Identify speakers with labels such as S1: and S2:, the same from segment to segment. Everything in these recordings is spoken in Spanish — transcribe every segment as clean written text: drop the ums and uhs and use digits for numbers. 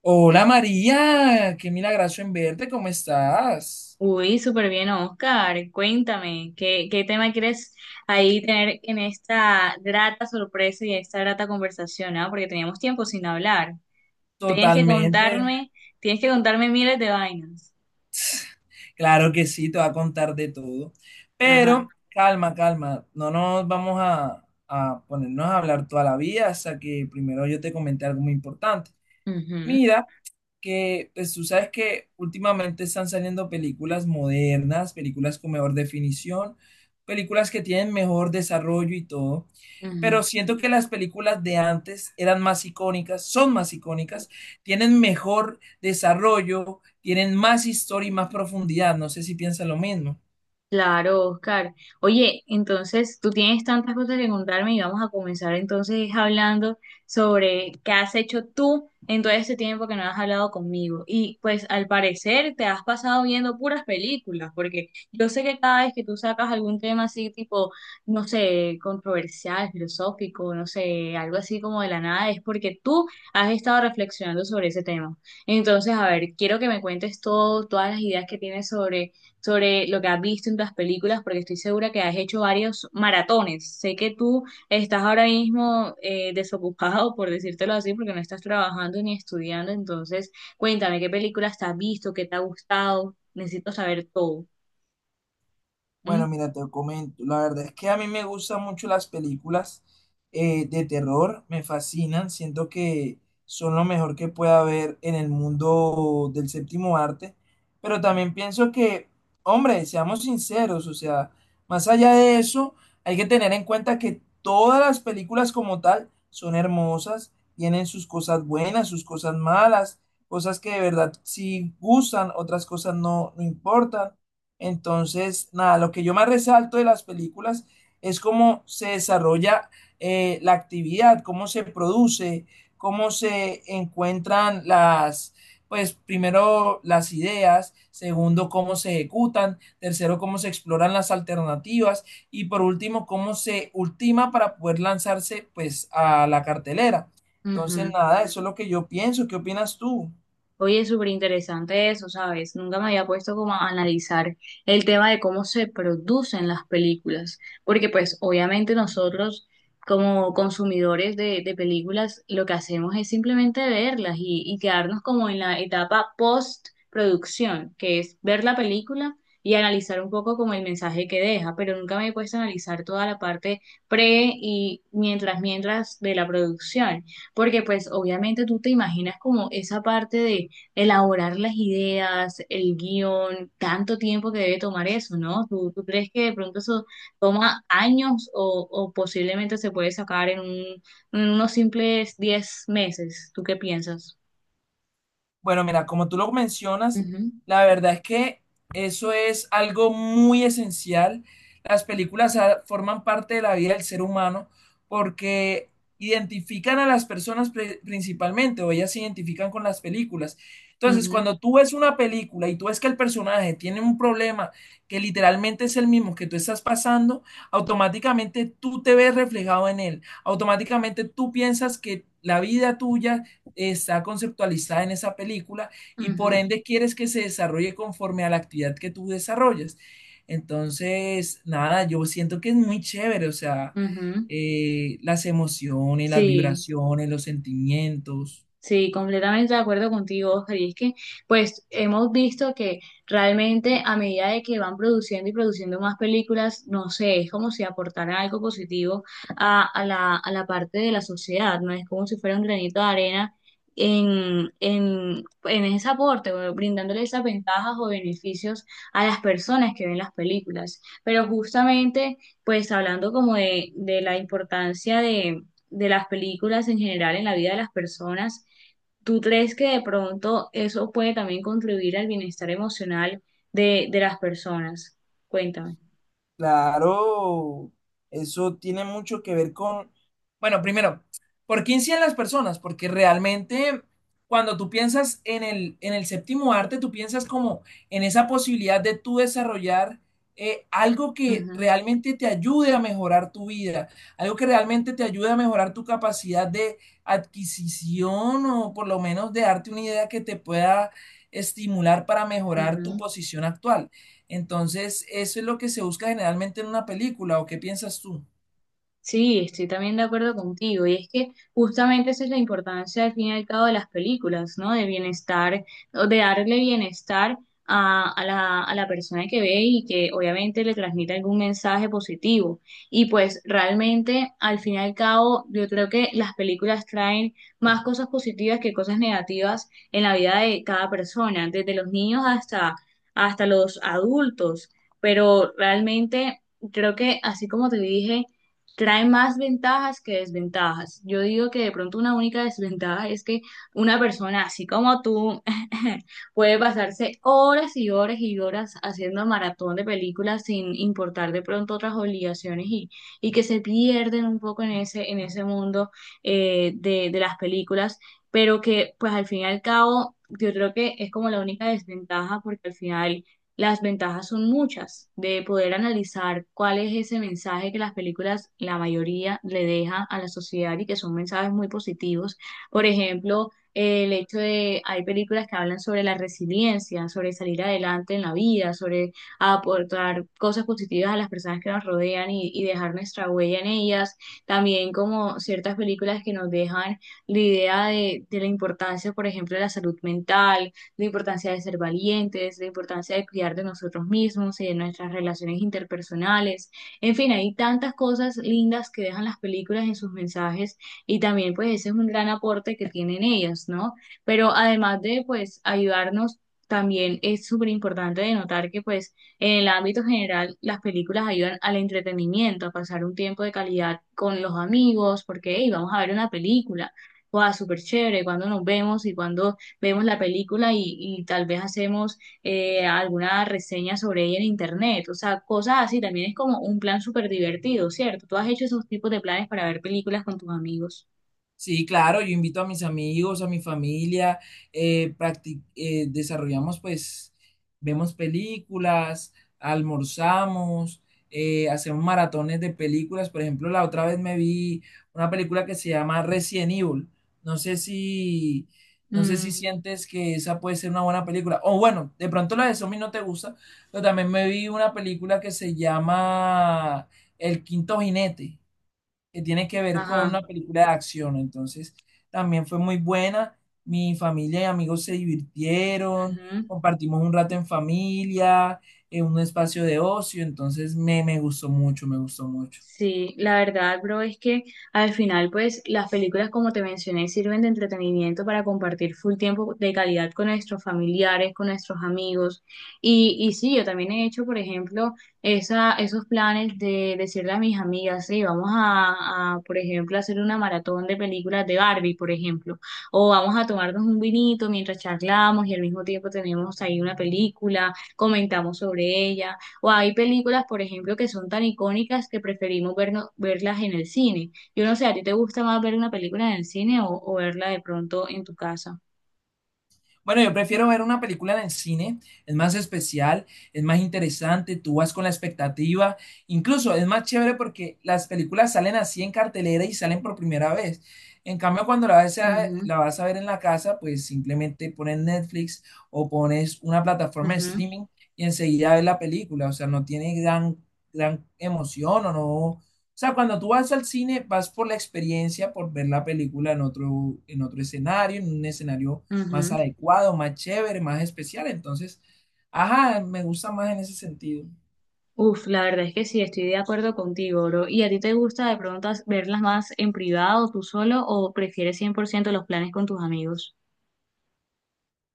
S1: Hola María, qué milagroso en verte, ¿cómo estás?
S2: Uy, súper bien, Oscar. Cuéntame, ¿qué tema quieres ahí tener en esta grata sorpresa y esta grata conversación, ¿ah? Porque teníamos tiempo sin hablar. Tienes que
S1: Totalmente,
S2: contarme, tienes que contarme miles de vainas.
S1: claro que sí, te voy a contar de todo.
S2: Ajá.
S1: Pero calma, calma, no nos vamos a ponernos a hablar toda la vida hasta que primero yo te comente algo muy importante.
S2: Ujú,
S1: Mira, que, pues tú sabes que últimamente están saliendo películas modernas, películas con mejor definición, películas que tienen mejor desarrollo y todo,
S2: ujú.
S1: pero siento que las películas de antes eran más icónicas, son más icónicas, tienen mejor desarrollo, tienen más historia y más profundidad, no sé si piensan lo mismo.
S2: Claro, Oscar. Oye, entonces tú tienes tantas cosas que contarme y vamos a comenzar entonces hablando sobre qué has hecho tú en todo este tiempo que no has hablado conmigo. Y pues al parecer te has pasado viendo puras películas, porque yo sé que cada vez que tú sacas algún tema así tipo, no sé, controversial, filosófico, no sé, algo así como de la nada, es porque tú has estado reflexionando sobre ese tema. Entonces, a ver, quiero que me cuentes todo, todas las ideas que tienes sobre lo que has visto en las películas, porque estoy segura que has hecho varios maratones. Sé que tú estás ahora mismo desocupado, por decírtelo así, porque no estás trabajando ni estudiando. Entonces, cuéntame qué películas te has visto, qué te ha gustado. Necesito saber todo.
S1: Bueno,
S2: ¿Mm?
S1: mira, te comento. La verdad es que a mí me gustan mucho las películas de terror, me fascinan. Siento que son lo mejor que puede haber en el mundo del séptimo arte. Pero también pienso que, hombre, seamos sinceros, o sea, más allá de eso, hay que tener en cuenta que todas las películas como tal son hermosas, tienen sus cosas buenas, sus cosas malas, cosas que de verdad sí gustan, otras cosas no, no importan. Entonces, nada, lo que yo más resalto de las películas es cómo se desarrolla la actividad, cómo se produce, cómo se encuentran las, pues primero las ideas, segundo cómo se ejecutan, tercero cómo se exploran las alternativas y por último cómo se ultima para poder lanzarse pues a la cartelera. Entonces,
S2: Ujú.
S1: nada, eso es lo que yo pienso. ¿Qué opinas tú?
S2: Oye, súper interesante eso, ¿sabes? Nunca me había puesto como a analizar el tema de cómo se producen las películas, porque pues obviamente nosotros como consumidores de películas lo que hacemos es simplemente verlas y quedarnos como en la etapa post-producción, que es ver la película y analizar un poco como el mensaje que deja, pero nunca me he puesto a analizar toda la parte pre y mientras de la producción, porque pues obviamente tú te imaginas como esa parte de elaborar las ideas, el guión, tanto tiempo que debe tomar eso, ¿no? ¿Tú crees que de pronto eso toma años o posiblemente se puede sacar en un, en unos simples 10 meses? ¿Tú qué piensas?
S1: Bueno, mira, como tú lo mencionas,
S2: Ujú.
S1: la verdad es que eso es algo muy esencial. Las películas forman parte de la vida del ser humano porque identifican a las personas principalmente, o ellas se identifican con las películas. Entonces,
S2: Ujú,
S1: cuando tú ves una película y tú ves que el personaje tiene un problema que literalmente es el mismo que tú estás pasando, automáticamente tú te ves reflejado en él. Automáticamente tú piensas que la vida tuya está conceptualizada en esa película y por
S2: ujú,
S1: ende quieres que se desarrolle conforme a la actividad que tú desarrollas. Entonces, nada, yo siento que es muy chévere, o sea,
S2: ujú.
S1: las emociones, las
S2: Sí.
S1: vibraciones, los sentimientos.
S2: Sí, completamente de acuerdo contigo, Oscar. Y es que, pues, hemos visto que realmente a medida de que van produciendo y produciendo más películas, no sé, es como si aportaran algo positivo a la parte de la sociedad, ¿no? Es como si fuera un granito de arena en ese aporte, o brindándole esas ventajas o beneficios a las personas que ven las películas. Pero justamente, pues, hablando como de la importancia de las películas en general en la vida de las personas, ¿tú crees que de pronto eso puede también contribuir al bienestar emocional de las personas? Cuéntame.
S1: Claro, eso tiene mucho que ver con, bueno, primero, ¿por qué inciden las personas? Porque realmente cuando tú piensas en en el séptimo arte, tú piensas como en esa posibilidad de tú desarrollar algo que
S2: Ujú,
S1: realmente te ayude a mejorar tu vida, algo que realmente te ayude a mejorar tu capacidad de adquisición o por lo menos de darte una idea que te pueda estimular para mejorar tu
S2: ujú.
S1: posición actual. Entonces, eso es lo que se busca generalmente en una película, ¿o qué piensas tú?
S2: Sí, estoy también de acuerdo contigo. Y es que justamente esa es la importancia, al fin y al cabo, de las películas, ¿no? De bienestar, o de darle bienestar a la persona que ve y que obviamente le transmite algún mensaje positivo. Y pues realmente, al fin y al cabo, yo creo que las películas traen más cosas positivas que cosas negativas en la vida de cada persona, desde los niños hasta, hasta los adultos. Pero realmente creo que, así como te dije, trae más ventajas que desventajas. Yo digo que de pronto una única desventaja es que una persona así como tú puede pasarse horas y horas y horas haciendo maratón de películas sin importar de pronto otras obligaciones y que se pierden un poco en ese mundo de las películas, pero que pues al fin y al cabo yo creo que es como la única desventaja porque al final las ventajas son muchas de poder analizar cuál es ese mensaje que las películas, la mayoría, le dejan a la sociedad y que son mensajes muy positivos. Por ejemplo, el hecho de, hay películas que hablan sobre la resiliencia, sobre salir adelante en la vida, sobre aportar cosas positivas a las personas que nos rodean y dejar nuestra huella en ellas. También como ciertas películas que nos dejan la idea de la importancia, por ejemplo, de la salud mental, la importancia de ser valientes, la importancia de cuidar de nosotros mismos y de nuestras relaciones interpersonales. En fin, hay tantas cosas lindas que dejan las películas en sus mensajes y también pues ese es un gran aporte que tienen ellas, ¿no? Pero además de pues ayudarnos también es súper importante de notar que pues en el ámbito general las películas ayudan al entretenimiento, a pasar un tiempo de calidad con los amigos, porque hey, vamos a ver una película, wow, súper chévere, cuando nos vemos y cuando vemos la película y tal vez hacemos alguna reseña sobre ella en internet. O sea, cosas así también es como un plan súper divertido, ¿cierto? ¿Tú has hecho esos tipos de planes para ver películas con tus amigos?
S1: Sí, claro, yo invito a mis amigos, a mi familia, desarrollamos pues, vemos películas, almorzamos, hacemos maratones de películas. Por ejemplo, la otra vez me vi una película que se llama Resident Evil. No sé si, no sé si
S2: Mm,
S1: sientes que esa puede ser una buena película. O bueno, de pronto la de Zombie no te gusta, pero también me vi una película que se llama El Quinto Jinete que tiene que ver con
S2: ajá.
S1: una película de acción. Entonces, también fue muy buena. Mi familia y amigos se divirtieron,
S2: Ujú.
S1: compartimos un rato en familia, en un espacio de ocio. Entonces, me gustó mucho, me gustó mucho.
S2: Sí, la verdad, bro, es que al final, pues, las películas, como te mencioné, sirven de entretenimiento para compartir full tiempo de calidad con nuestros familiares, con nuestros amigos. Y sí, yo también he hecho, por ejemplo, esa, esos planes de decirle a mis amigas, sí, vamos a, por ejemplo, hacer una maratón de películas de Barbie, por ejemplo, o vamos a tomarnos un vinito mientras charlamos y al mismo tiempo tenemos ahí una película, comentamos sobre ella. O hay películas, por ejemplo, que son tan icónicas que preferimos verno- verlas en el cine. Yo no sé, ¿a ti te gusta más ver una película en el cine o verla de pronto en tu casa?
S1: Bueno, yo prefiero ver una película en el cine, es más especial, es más interesante, tú vas con la expectativa, incluso es más chévere porque las películas salen así en cartelera y salen por primera vez. En cambio, cuando
S2: Ujú,
S1: la vas a ver en la casa, pues simplemente pones Netflix o pones una plataforma de
S2: ujú,
S1: streaming y enseguida ves la película, o sea, no tiene gran emoción o no. O sea, cuando tú vas al cine, vas por la experiencia, por ver la película en en otro escenario, en un escenario más
S2: ujú.
S1: adecuado, más chévere, más especial. Entonces, ajá, me gusta más en ese sentido.
S2: Uf, la verdad es que sí, estoy de acuerdo contigo, bro. ¿Y a ti te gusta de pronto as- verlas más en privado, tú solo, o prefieres 100% los planes con tus amigos?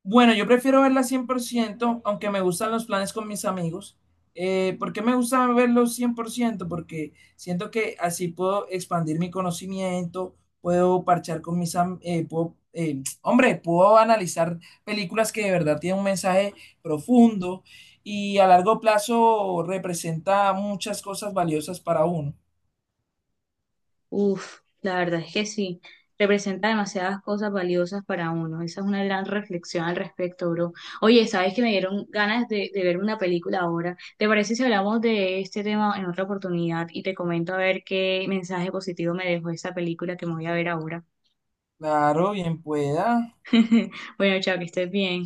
S1: Bueno, yo prefiero verla 100% aunque me gustan los planes con mis amigos. ¿Por qué me gusta verlos ciento? Porque siento que así puedo expandir mi conocimiento, puedo parchar con puedo, hombre, puedo analizar películas que de verdad tienen un mensaje profundo y a largo plazo representa muchas cosas valiosas para uno.
S2: Uf, la verdad es que sí, representa demasiadas cosas valiosas para uno. Esa es una gran reflexión al respecto, bro. Oye, ¿sabes que me dieron ganas de ver una película ahora? ¿Te parece si hablamos de este tema en otra oportunidad y te comento a ver qué mensaje positivo me dejó esa película que me voy a ver ahora?
S1: Claro, bien pueda.
S2: Bueno, chao, que estés bien.